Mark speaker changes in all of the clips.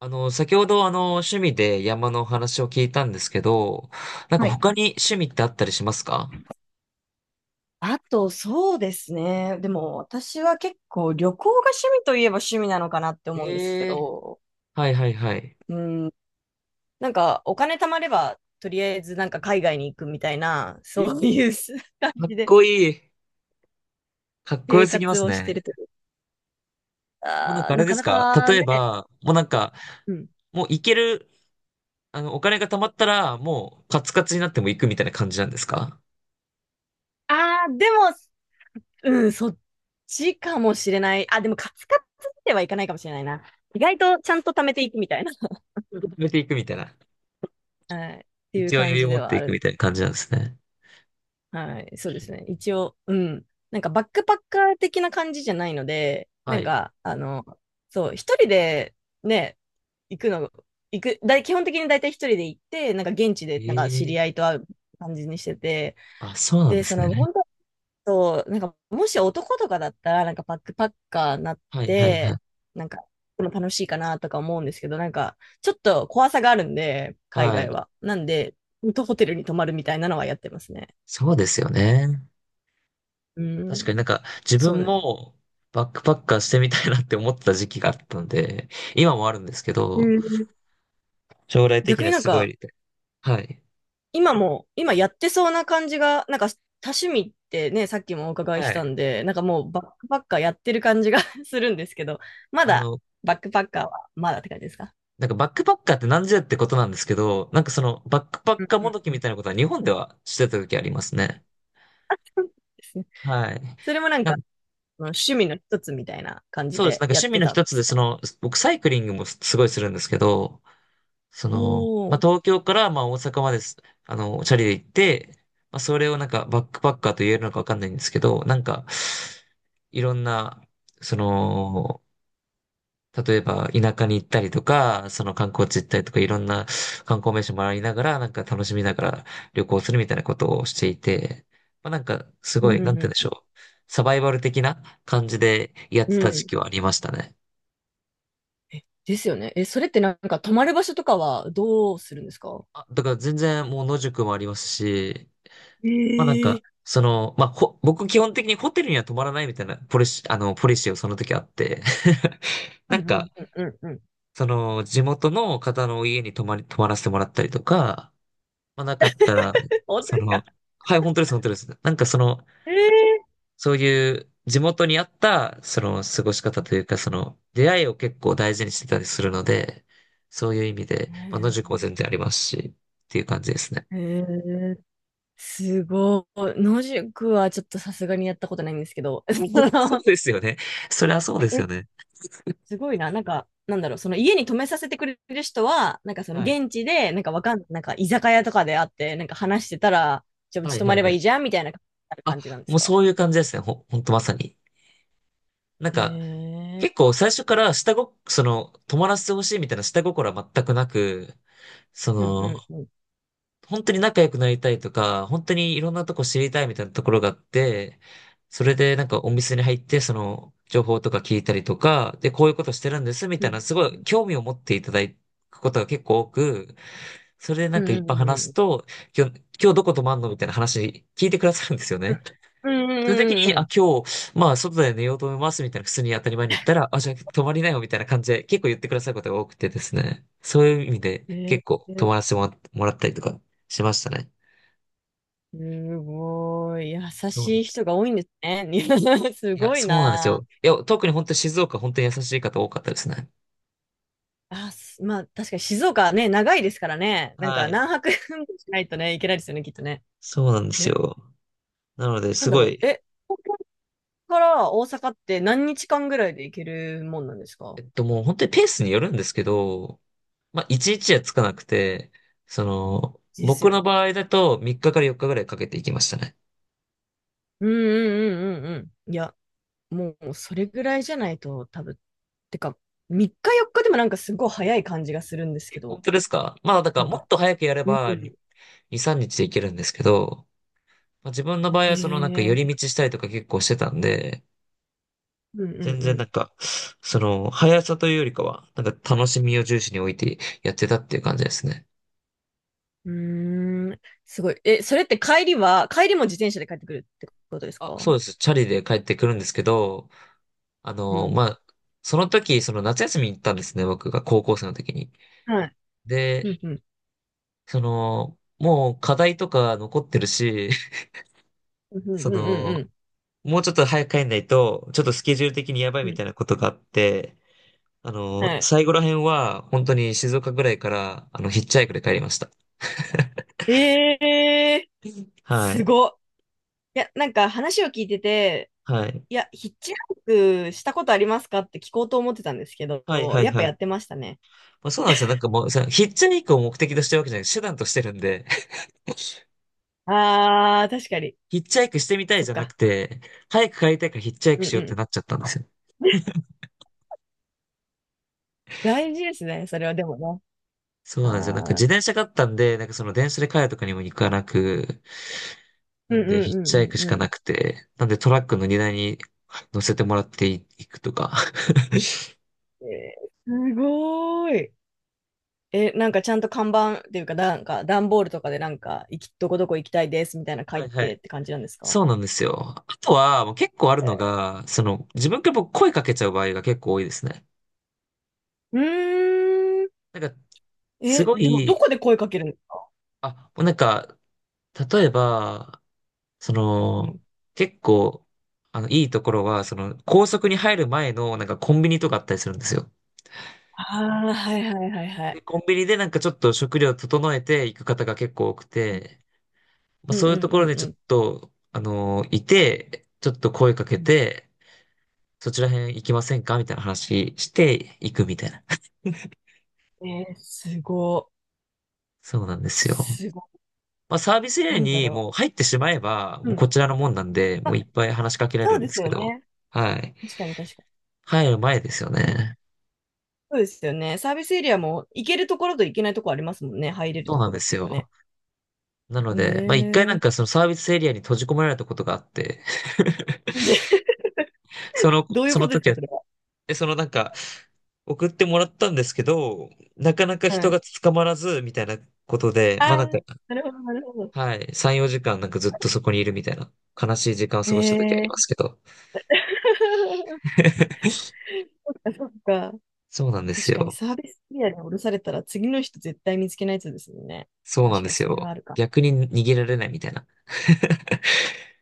Speaker 1: 先ほど趣味で山のお話を聞いたんですけど、なんか
Speaker 2: はい。
Speaker 1: 他に趣味ってあったりしますか？
Speaker 2: あと、そうですね。でも、私は結構旅行が趣味といえば趣味なのかなって思うんですけ
Speaker 1: ええー、
Speaker 2: ど、
Speaker 1: はいはいはい。
Speaker 2: うん、なんかお金貯まれば、とりあえずなんか海外に行くみたいな、
Speaker 1: え、
Speaker 2: そういう 感
Speaker 1: かっ
Speaker 2: じで
Speaker 1: こいい。かっこよ
Speaker 2: 生
Speaker 1: すぎま
Speaker 2: 活
Speaker 1: す
Speaker 2: をし
Speaker 1: ね。
Speaker 2: てるという
Speaker 1: もうなん
Speaker 2: か、
Speaker 1: かあれ
Speaker 2: な
Speaker 1: で
Speaker 2: か
Speaker 1: す
Speaker 2: な
Speaker 1: か？
Speaker 2: か
Speaker 1: 例え
Speaker 2: ね、
Speaker 1: ば、もうなんか、
Speaker 2: うん。
Speaker 1: もう行ける、お金が貯まったら、もうカツカツになっても行くみたいな感じなんですか？
Speaker 2: ああ、でも、うん、そっちかもしれない。あ、でもカツカツではいかないかもしれないな。意外とちゃんと貯めていくみたいな、
Speaker 1: 受めていくみたいな。
Speaker 2: はい、っていう
Speaker 1: 一応
Speaker 2: 感
Speaker 1: 余裕
Speaker 2: じ
Speaker 1: 持
Speaker 2: で
Speaker 1: っ
Speaker 2: は
Speaker 1: て
Speaker 2: あ
Speaker 1: いく
Speaker 2: る。
Speaker 1: みたいな感じなんですね。
Speaker 2: はい、そうですね。一応、うん。なんかバックパッカー的な感じじゃないので、
Speaker 1: は
Speaker 2: なん
Speaker 1: い。
Speaker 2: か、そう、一人でね、行くの、行く、だい、基本的に大体一人で行って、なんか現地で、
Speaker 1: え
Speaker 2: なんか知
Speaker 1: え
Speaker 2: り
Speaker 1: ー、
Speaker 2: 合いと会う感じにしてて、
Speaker 1: あ、そうなん
Speaker 2: で、
Speaker 1: で
Speaker 2: そ
Speaker 1: す
Speaker 2: の、
Speaker 1: ね。
Speaker 2: 本当そうなんか、もし男とかだったら、なんかバックパッカーになっ
Speaker 1: はいはいはい。
Speaker 2: て、なんか、この楽しいかなとか思うんですけど、なんか、ちょっと怖さがあるんで、海
Speaker 1: は
Speaker 2: 外
Speaker 1: い。
Speaker 2: は。なんで、ホテルに泊まるみたいなのはやってますね。
Speaker 1: そうですよね。
Speaker 2: う
Speaker 1: 確か
Speaker 2: ん。
Speaker 1: になんか自
Speaker 2: そう
Speaker 1: 分
Speaker 2: ね。
Speaker 1: もバックパッカーしてみたいなって思ってた時期があったんで、今もあるんですけ
Speaker 2: へ
Speaker 1: ど、
Speaker 2: え、
Speaker 1: 将来的に
Speaker 2: 逆に
Speaker 1: は
Speaker 2: なん
Speaker 1: すご
Speaker 2: か、
Speaker 1: い、はい。
Speaker 2: 今も、今やってそうな感じが、なんか多趣味ってね、さっきもお伺い
Speaker 1: は
Speaker 2: した
Speaker 1: い。
Speaker 2: んで、なんかもうバックパッカーやってる感じが するんですけど、ま
Speaker 1: あ
Speaker 2: だ
Speaker 1: の、
Speaker 2: バックパッカーはまだって感じですか？
Speaker 1: なんかバックパッカーって何じゃってことなんですけど、なんかそのバックパ
Speaker 2: う
Speaker 1: ッ
Speaker 2: ん
Speaker 1: カー
Speaker 2: う
Speaker 1: も
Speaker 2: ん
Speaker 1: どき
Speaker 2: う
Speaker 1: み
Speaker 2: ん。
Speaker 1: たいなことは日本ではしてた時ありますね。
Speaker 2: あ、そうですね。
Speaker 1: はい。
Speaker 2: それもなん
Speaker 1: な
Speaker 2: か、
Speaker 1: ん、
Speaker 2: その趣味の一つみたいな感じ
Speaker 1: そうです。
Speaker 2: で
Speaker 1: なんか
Speaker 2: やっ
Speaker 1: 趣味
Speaker 2: て
Speaker 1: の
Speaker 2: たん
Speaker 1: 一
Speaker 2: で
Speaker 1: つ
Speaker 2: す
Speaker 1: で、そ
Speaker 2: か？
Speaker 1: の、僕サイクリングもごいするんですけど、その、
Speaker 2: お
Speaker 1: まあ、
Speaker 2: ー。
Speaker 1: 東京から、まあ、大阪まです、チャリで行って、まあ、それをなんか、バックパッカーと言えるのかわかんないんですけど、なんか、いろんな、その、例えば、田舎に行ったりとか、その観光地行ったりとか、い
Speaker 2: うん
Speaker 1: ろんな観光名所回りながら、なんか楽しみながら旅行するみたいなことをしていて、まあ、なんか、す
Speaker 2: う
Speaker 1: ご
Speaker 2: ん
Speaker 1: い、な
Speaker 2: う
Speaker 1: ん
Speaker 2: ん
Speaker 1: て言うんでし
Speaker 2: う
Speaker 1: ょう。サバイバル的な感じでやっ
Speaker 2: ん。う
Speaker 1: てた時
Speaker 2: ん、
Speaker 1: 期はありましたね。
Speaker 2: ですよね。え、それってなんか泊まる場所とかはどうするんですか？
Speaker 1: あ、だから全然もう野宿もありますし、まあなん
Speaker 2: え
Speaker 1: か、
Speaker 2: え、
Speaker 1: その、まあほ、僕基本的にホテルには泊まらないみたいなポリシーをその時あって、
Speaker 2: う
Speaker 1: な
Speaker 2: んう
Speaker 1: ん
Speaker 2: んうん
Speaker 1: か、
Speaker 2: うんうん。
Speaker 1: その、地元の方の家に泊まらせてもらったりとか、まあなかったら、
Speaker 2: 本当
Speaker 1: そ
Speaker 2: ですか？
Speaker 1: の、はい、本当です、本当です。なんかその、
Speaker 2: え
Speaker 1: そういう地元に合った、その、過ごし方というか、その、出会いを結構大事にしてたりするので、そういう意味で、まあ、野宿
Speaker 2: え
Speaker 1: も全然ありますし、っていう感じですね。
Speaker 2: ー、えー、すごい。野宿はちょっとさすがにやったことないんですけど、そ
Speaker 1: そう
Speaker 2: の、
Speaker 1: ですよね。それはそうですよ
Speaker 2: え、
Speaker 1: ね。
Speaker 2: すごいな。なんか、なんだろう、その家に泊めさせてくれる人は、なんかその
Speaker 1: はい。
Speaker 2: 現地で、なんかわかん、なんか居酒屋とかで会って、なんか話してたら、じゃあう
Speaker 1: は
Speaker 2: ち
Speaker 1: い
Speaker 2: 泊
Speaker 1: は
Speaker 2: ま
Speaker 1: い
Speaker 2: れば
Speaker 1: は
Speaker 2: い
Speaker 1: い。
Speaker 2: いじゃんみたいな
Speaker 1: あ、
Speaker 2: 感じなんです
Speaker 1: もう
Speaker 2: か？
Speaker 1: そういう感じですね。ほんとまさに。なん
Speaker 2: え
Speaker 1: か、
Speaker 2: えー、
Speaker 1: 結構最初からその、泊まらせてほしいみたいな下心は全くなく、そ
Speaker 2: うんう
Speaker 1: の、
Speaker 2: んうん。
Speaker 1: 本当に仲良くなりたいとか、本当にいろんなとこ知りたいみたいなところがあって、それでなんかお店に入って、その、情報とか聞いたりとか、で、こういうことしてるんですみ
Speaker 2: う
Speaker 1: たい
Speaker 2: ん
Speaker 1: な、すご
Speaker 2: う
Speaker 1: い
Speaker 2: んうん。
Speaker 1: 興味を持っていただくことが結構多く、それでな
Speaker 2: う
Speaker 1: ん
Speaker 2: ん
Speaker 1: かいっ
Speaker 2: う
Speaker 1: ぱい
Speaker 2: んう
Speaker 1: 話す
Speaker 2: ん
Speaker 1: と、今日、今日どこ泊まんのみたいな話聞いてくださるんですよ
Speaker 2: うん。
Speaker 1: ね。
Speaker 2: うんう
Speaker 1: その時
Speaker 2: んう
Speaker 1: に、
Speaker 2: んう
Speaker 1: あ、
Speaker 2: ん。
Speaker 1: 今日、まあ、外で寝ようと思います、みたいな、普通に当たり前に言ったら、あ、じゃあ、泊まりなよ、みたいな感じで、結構言ってくださることが多くてですね。そういう意味で、
Speaker 2: えー、
Speaker 1: 結構、泊まらせてもら、もらったりとか、しましたね。
Speaker 2: すごい。優
Speaker 1: そうな
Speaker 2: しい
Speaker 1: ん。
Speaker 2: 人が多いんですね。す
Speaker 1: いや、
Speaker 2: ごい
Speaker 1: そうなんです
Speaker 2: な。
Speaker 1: よ。いや、特に本当に静岡、本当に優しい方多かったですね。
Speaker 2: あ、す、まあ、確かに静岡ね、長いですからね。なん
Speaker 1: は
Speaker 2: か
Speaker 1: い。
Speaker 2: 何泊 もしないとね、いけないですよね、きっとね。
Speaker 1: そうなんです
Speaker 2: え、
Speaker 1: よ。なので、
Speaker 2: な
Speaker 1: す
Speaker 2: んだ
Speaker 1: ご
Speaker 2: ろう。
Speaker 1: い、
Speaker 2: え、東京から大阪って何日間ぐらいで行けるもんなんですか？
Speaker 1: もう本当にペースによるんですけど、まあ、一日はつかなくて、その、
Speaker 2: です
Speaker 1: 僕
Speaker 2: よ
Speaker 1: の
Speaker 2: ね。
Speaker 1: 場合だと、3日かから4日ぐらいかけていきましたね。
Speaker 2: うんうんうんうんうん。いや、もうそれぐらいじゃないと多分。てか、3日4日でもなんかすごい早い感じがするんですけ
Speaker 1: 本
Speaker 2: ど。
Speaker 1: 当ですか？まあ、だか
Speaker 2: な
Speaker 1: ら
Speaker 2: ん
Speaker 1: もっ
Speaker 2: か。
Speaker 1: と早くやれ
Speaker 2: う
Speaker 1: ば2、
Speaker 2: ん。
Speaker 1: 3日でいけるんですけど、まあ、自分の場合はそのなんか
Speaker 2: ね
Speaker 1: 寄り
Speaker 2: え。
Speaker 1: 道したりとか結構してたんで、
Speaker 2: うんうん
Speaker 1: 全
Speaker 2: う
Speaker 1: 然な
Speaker 2: ん。
Speaker 1: んか、その、速さというよりかは、なんか楽しみを重視に置いてやってたっていう感じですね。
Speaker 2: うーん、すごい。え、それって帰りは、帰りも自転車で帰ってくるってことです
Speaker 1: あ、そう
Speaker 2: か？
Speaker 1: です。チャリで帰ってくるんですけど、あ
Speaker 2: う
Speaker 1: の、
Speaker 2: ん。
Speaker 1: まあ、その時、その夏休みに行ったんですね、僕が高校生の時に。
Speaker 2: はい。う
Speaker 1: で、
Speaker 2: ん、うん、
Speaker 1: その、もう課題とか残ってるし、
Speaker 2: うん、うん、
Speaker 1: そ
Speaker 2: うん、う
Speaker 1: の、
Speaker 2: ん。
Speaker 1: もうちょっと早く帰んないと、ちょっとスケジュール的にやばい
Speaker 2: う
Speaker 1: み
Speaker 2: ん、
Speaker 1: たいなことがあって、
Speaker 2: はい。
Speaker 1: 最後ら辺は本当に静岡ぐらいから、ヒッチハイクで帰りました。
Speaker 2: えー、
Speaker 1: は
Speaker 2: す
Speaker 1: い。
Speaker 2: ごっ。いや、なんか話を聞いてて、
Speaker 1: はい。
Speaker 2: いや、ヒッチハイクしたことありますかって聞こうと思ってたんですけど、
Speaker 1: はい、はい、
Speaker 2: やっぱ
Speaker 1: は
Speaker 2: や
Speaker 1: い。
Speaker 2: ってましたね。
Speaker 1: まあ、そうなんですよ。なんかもう、そのヒッチハイクを目的としてるわけじゃなく手段としてるんで、
Speaker 2: あー、確かに。
Speaker 1: ヒッチハイクしてみたい
Speaker 2: そっ
Speaker 1: じゃなく
Speaker 2: か。
Speaker 1: て、早く帰りたいからヒッチハイ
Speaker 2: う
Speaker 1: ク
Speaker 2: ん
Speaker 1: しよ
Speaker 2: う
Speaker 1: うって
Speaker 2: ん。
Speaker 1: なっちゃったんですよ。
Speaker 2: 大事ですね、それはでもね。
Speaker 1: そうなんですよ。なんか
Speaker 2: あ
Speaker 1: 自
Speaker 2: ー。
Speaker 1: 転車があったんで、なんかその電車で帰るとかにも行かなく、
Speaker 2: う
Speaker 1: な
Speaker 2: んう
Speaker 1: んで、
Speaker 2: ん
Speaker 1: ヒッチハイクし
Speaker 2: うんう
Speaker 1: か
Speaker 2: ん
Speaker 1: な
Speaker 2: う
Speaker 1: くて、なんでトラックの荷台に乗せてもらっていいくとか。
Speaker 2: ん。えー、すごーい。え、なんかちゃんと看板っていうか、なんか段ボールとかでなんか、行き、どこどこ行きたいですみたいな 書
Speaker 1: は
Speaker 2: い
Speaker 1: いは
Speaker 2: て
Speaker 1: い。
Speaker 2: って感じなんですか？
Speaker 1: そうなんですよ。あとは、もう結構あるのが、その、自分から僕声かけちゃう場合が結構多いですね。
Speaker 2: うーん。
Speaker 1: なんか、す
Speaker 2: え、
Speaker 1: ご
Speaker 2: でもど
Speaker 1: い、
Speaker 2: こで声かけるんですか？
Speaker 1: あ、なんか、例えば、そ
Speaker 2: う
Speaker 1: の、
Speaker 2: ん。
Speaker 1: 結構、いいところは、その、高速に入る前の、なんかコンビニとかあったりするんですよ。
Speaker 2: ああ、はいはいはいは
Speaker 1: で、
Speaker 2: い。
Speaker 1: コンビニでなんかちょっと食料整えていく方が結構多く
Speaker 2: う
Speaker 1: て、まあ、
Speaker 2: んう
Speaker 1: そ
Speaker 2: ん
Speaker 1: ういうと
Speaker 2: う
Speaker 1: ころ
Speaker 2: ん
Speaker 1: で
Speaker 2: う
Speaker 1: ちょっ
Speaker 2: ん。
Speaker 1: と、いて、ちょっと声かけて、そちら辺行きませんかみたいな話して行くみたいな。
Speaker 2: うん、えー、すご
Speaker 1: そうなんで
Speaker 2: い。
Speaker 1: すよ。
Speaker 2: すごい。
Speaker 1: まあ、サービスエリ
Speaker 2: な
Speaker 1: ア
Speaker 2: んだ
Speaker 1: に
Speaker 2: ろ
Speaker 1: もう入ってしまえば、
Speaker 2: う。
Speaker 1: も
Speaker 2: う
Speaker 1: う
Speaker 2: ん。
Speaker 1: こちらのもんなんで、
Speaker 2: ま
Speaker 1: もうい
Speaker 2: あ、
Speaker 1: っぱい話しかけられ
Speaker 2: そう
Speaker 1: るん
Speaker 2: で
Speaker 1: で
Speaker 2: す
Speaker 1: すけ
Speaker 2: よ
Speaker 1: ど、
Speaker 2: ね。
Speaker 1: はい。
Speaker 2: 確かに確か
Speaker 1: 入る前ですよ
Speaker 2: に。でも、
Speaker 1: ね。
Speaker 2: そうですよね。サービスエリアも行けるところと行けないところありますもんね。入れる
Speaker 1: そう
Speaker 2: と
Speaker 1: なん
Speaker 2: ころ
Speaker 1: で
Speaker 2: っ
Speaker 1: す
Speaker 2: ていうかね。
Speaker 1: よ。なので、まあ、一回な
Speaker 2: え
Speaker 1: んか
Speaker 2: ー。
Speaker 1: そのサービスエリアに閉じ込められたことがあって、
Speaker 2: どういう
Speaker 1: そ
Speaker 2: こ
Speaker 1: の
Speaker 2: とです
Speaker 1: 時
Speaker 2: か、
Speaker 1: は、
Speaker 2: それは。
Speaker 1: え、そのなんか、送ってもらったんですけど、なかなか
Speaker 2: は
Speaker 1: 人
Speaker 2: い、
Speaker 1: が捕まらず、みたいなことで、
Speaker 2: あ
Speaker 1: まあな
Speaker 2: あ、
Speaker 1: んか、
Speaker 2: なるほど、なるほど。
Speaker 1: はい、3、4時間なんかずっとそこにいるみたいな、悲しい時間を
Speaker 2: え
Speaker 1: 過ごした時あります
Speaker 2: え
Speaker 1: けど。
Speaker 2: そっか。
Speaker 1: そうなんです
Speaker 2: 確かに
Speaker 1: よ。
Speaker 2: サービスエリアに降ろされたら次の人絶対見つけないやつですもんね。
Speaker 1: そうなん
Speaker 2: 確か
Speaker 1: で
Speaker 2: に
Speaker 1: す
Speaker 2: それはあ
Speaker 1: よ。
Speaker 2: るか。
Speaker 1: 逆に逃げられないみたいな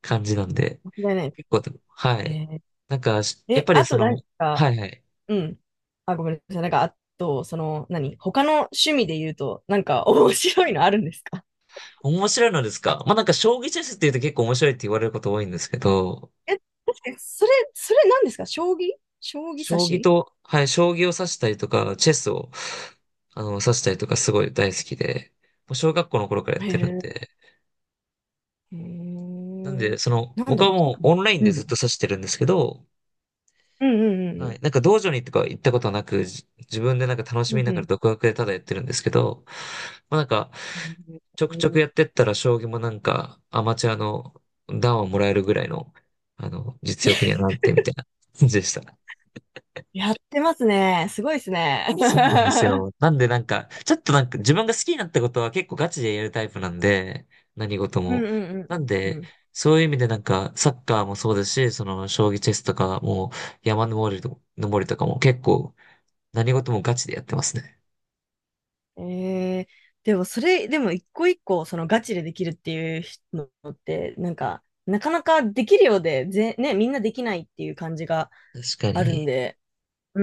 Speaker 1: 感じなんで。
Speaker 2: 間違いない。
Speaker 1: 結構でも、はい。
Speaker 2: え
Speaker 1: なんか、
Speaker 2: ー、
Speaker 1: やっ
Speaker 2: え、
Speaker 1: ぱり
Speaker 2: あ
Speaker 1: そ
Speaker 2: とな
Speaker 1: の、
Speaker 2: んか、
Speaker 1: はいはい。
Speaker 2: うん。あ、ごめんなさい。なんか、あと、その、何他の趣味で言うと、なんか 面白いのあるんですか？
Speaker 1: 面白いのですか？まあなんか将棋チェスって言うと結構面白いって言われること多いんですけど、
Speaker 2: え、確かに、それ、それ何ですか、将棋、将棋指
Speaker 1: 将棋
Speaker 2: し、
Speaker 1: と、はい、将棋を指したりとか、チェスを、指したりとかすごい大好きで、もう小学校の頃からやっ
Speaker 2: へ
Speaker 1: てるん
Speaker 2: え、
Speaker 1: で、
Speaker 2: へえ、
Speaker 1: なんで、その、
Speaker 2: なん
Speaker 1: 僕
Speaker 2: だろ
Speaker 1: は
Speaker 2: う、多
Speaker 1: もう
Speaker 2: 分、
Speaker 1: オンライン
Speaker 2: う
Speaker 1: でずっと
Speaker 2: ん。
Speaker 1: 指してるんですけど、
Speaker 2: うんう
Speaker 1: は
Speaker 2: ん
Speaker 1: い、なんか道場にとか行ったことはなく、自分でなんか楽し
Speaker 2: うんう
Speaker 1: み
Speaker 2: ん。
Speaker 1: な
Speaker 2: う
Speaker 1: が
Speaker 2: ん
Speaker 1: ら
Speaker 2: う
Speaker 1: 独学でただやってるんですけど、まあなんか、ちょく
Speaker 2: ん。へ
Speaker 1: ちょくやっ
Speaker 2: ー、
Speaker 1: てったら将棋もなんかアマチュアの段をもらえるぐらいの、実力にはなってみたいな感じでした。
Speaker 2: やってますね。すごいですね。
Speaker 1: そうなんです よ。なんでなんか、ちょっとなんか自分が好きになったことは結構ガチでやるタイプなんで、何事
Speaker 2: うんう
Speaker 1: も。なん
Speaker 2: んうんう
Speaker 1: で、
Speaker 2: ん
Speaker 1: そういう意味でなんか、サッカーもそうですし、その、将棋チェスとかも、山登りと、登りとかも結構、何事もガチでやってますね。
Speaker 2: うん。えー、でもそれ、でも一個一個そのガチでできるっていうのって、なんか、なかなかできるようで、ぜ、ね、みんなできないっていう感じが
Speaker 1: 確か
Speaker 2: あるん
Speaker 1: に。
Speaker 2: で、う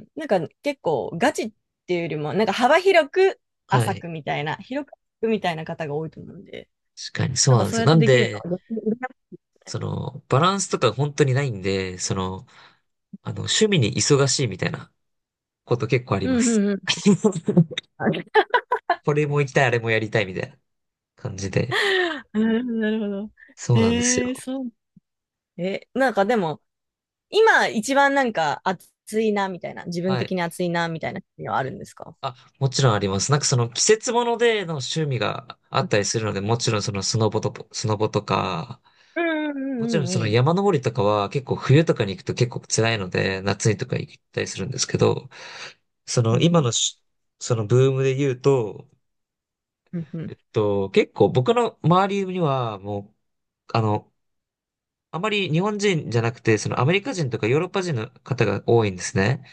Speaker 2: ん。なんか結構ガチっていうよりも、なんか幅広く
Speaker 1: は
Speaker 2: 浅
Speaker 1: い。
Speaker 2: くみたいな、広く浅くみたいな方が多いと思うんで、
Speaker 1: 確かに、そ
Speaker 2: なん
Speaker 1: う
Speaker 2: か
Speaker 1: なんで
Speaker 2: そ
Speaker 1: す
Speaker 2: う
Speaker 1: よ。
Speaker 2: やっ
Speaker 1: な
Speaker 2: て
Speaker 1: ん
Speaker 2: できる
Speaker 1: で、
Speaker 2: のは逆に羨ましい。
Speaker 1: その、バランスとか本当にないんで、その、趣味に忙しいみたいなこと結構あり
Speaker 2: う
Speaker 1: ま
Speaker 2: んう
Speaker 1: す。
Speaker 2: んうん。
Speaker 1: これも行きたい、あれもやりたいみたいな感じで。
Speaker 2: なるほど、なるほど。
Speaker 1: そうなんです
Speaker 2: へえ、
Speaker 1: よ。
Speaker 2: そう。え、なんかでも、今一番なんか熱いなみたいな、自分
Speaker 1: はい。
Speaker 2: 的に熱いなみたいなのはあるんですか？
Speaker 1: あ、もちろんあります。なんかその季節物での趣味があったりするので、もちろんそのスノボとか、
Speaker 2: うんう
Speaker 1: もち
Speaker 2: ん
Speaker 1: ろん
Speaker 2: うん
Speaker 1: そ
Speaker 2: う
Speaker 1: の
Speaker 2: ん。
Speaker 1: 山登りとかは結構冬とかに行くと結構辛いので、夏にとか行ったりするんですけど、そ
Speaker 2: う
Speaker 1: の
Speaker 2: ん
Speaker 1: 今
Speaker 2: うん
Speaker 1: のしそのブームで言うと、
Speaker 2: うんう
Speaker 1: 結構僕の周りにはもう、あの、あまり日本人じゃなくて、そのアメリカ人とかヨーロッパ人の方が多いんですね。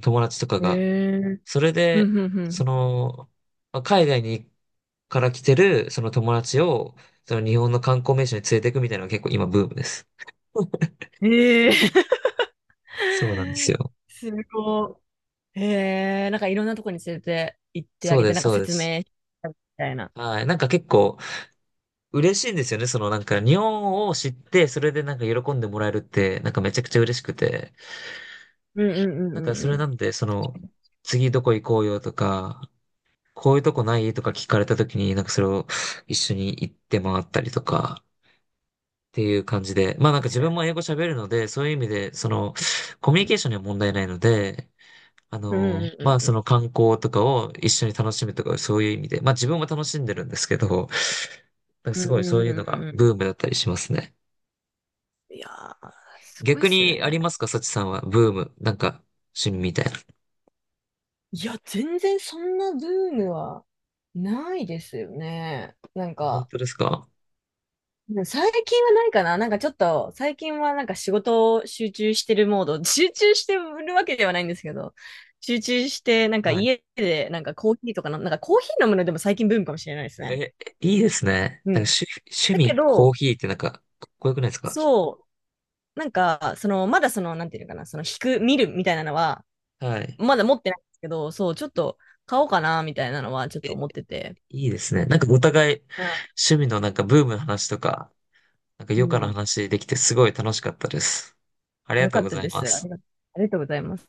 Speaker 1: 友達とか
Speaker 2: ん。
Speaker 1: が。
Speaker 2: えー。
Speaker 1: それ
Speaker 2: う
Speaker 1: で、
Speaker 2: んう
Speaker 1: そ
Speaker 2: ん
Speaker 1: の、まあ海外にから来てる、その友達を、その日本の観光名所に連れていくみたいなのが結構今ブームです。
Speaker 2: うん。えー。
Speaker 1: そうなんです よ。
Speaker 2: すごい。えー。なんかいろんなとこに連れて行ってあ
Speaker 1: そう
Speaker 2: げ
Speaker 1: で
Speaker 2: て、
Speaker 1: す、
Speaker 2: なんか
Speaker 1: そうで
Speaker 2: 説
Speaker 1: す。
Speaker 2: 明したみたいな。
Speaker 1: はい。なんか結構嬉しいんですよね。そのなんか日本を知って、それでなんか喜んでもらえるって、なんかめちゃくちゃ嬉しくて。
Speaker 2: うんうんう
Speaker 1: なん
Speaker 2: ん
Speaker 1: か
Speaker 2: う
Speaker 1: そ
Speaker 2: んう
Speaker 1: れな
Speaker 2: ん。
Speaker 1: んで、その、
Speaker 2: 確
Speaker 1: 次どこ行こうよとか、こういうとこないとか聞かれた時に、なんかそれを一緒に行って回ったりとか、っていう感じで。まあなんか
Speaker 2: か
Speaker 1: 自分も
Speaker 2: に。
Speaker 1: 英語喋るので、そういう意味で、その、コミュ
Speaker 2: う
Speaker 1: ニ
Speaker 2: ん
Speaker 1: ケーションには問題ないので、
Speaker 2: うん
Speaker 1: ま
Speaker 2: う
Speaker 1: あ、そ
Speaker 2: ん
Speaker 1: の観光とかを一緒に楽しむとか、そういう意味で、まあ、自分も楽しんでるんですけど、なんか
Speaker 2: う
Speaker 1: す
Speaker 2: ん
Speaker 1: ごいそ
Speaker 2: う
Speaker 1: う
Speaker 2: ん。
Speaker 1: い
Speaker 2: う
Speaker 1: う
Speaker 2: んう
Speaker 1: の
Speaker 2: ん
Speaker 1: が
Speaker 2: うんうん、
Speaker 1: ブームだったりしますね。
Speaker 2: いやー、すごいっ
Speaker 1: 逆
Speaker 2: す
Speaker 1: にあり
Speaker 2: ね。
Speaker 1: ますか、サチさんは。ブーム。なんか、趣味みたいな。
Speaker 2: いや、全然そんなブームはないですよね。なん
Speaker 1: 本
Speaker 2: か、
Speaker 1: 当ですか？
Speaker 2: 最近はないかな。なんかちょっと、最近はなんか仕事を集中してるモード、集中してるわけではないんですけど、集中して、なんか
Speaker 1: はい。
Speaker 2: 家でなんかコーヒーとかの、なんかコーヒー飲むのでも最近ブームかもしれないですね。
Speaker 1: え、いいですね。
Speaker 2: う
Speaker 1: なんか
Speaker 2: ん。
Speaker 1: 趣
Speaker 2: だけ
Speaker 1: 味、コー
Speaker 2: ど、
Speaker 1: ヒーってなんか、かっこよくないですか？
Speaker 2: そう、なんか、その、まだその、なんていうのかな、その、引く、見るみたいなのは、
Speaker 1: はい。
Speaker 2: まだ持ってないんですけど、そう、ちょっと買おうかな、みたいなのはちょっ
Speaker 1: え、
Speaker 2: と思ってて。
Speaker 1: いいですね。なんかお互い、
Speaker 2: うん。
Speaker 1: 趣味のなんかブームの話とか、なんか
Speaker 2: う
Speaker 1: 余暇の
Speaker 2: ん、
Speaker 1: 話できてすごい楽しかったです。ありが
Speaker 2: よ
Speaker 1: と
Speaker 2: か
Speaker 1: う
Speaker 2: っ
Speaker 1: ご
Speaker 2: た
Speaker 1: ざい
Speaker 2: で
Speaker 1: ま
Speaker 2: す。あり
Speaker 1: す。
Speaker 2: が、ありがとうございます。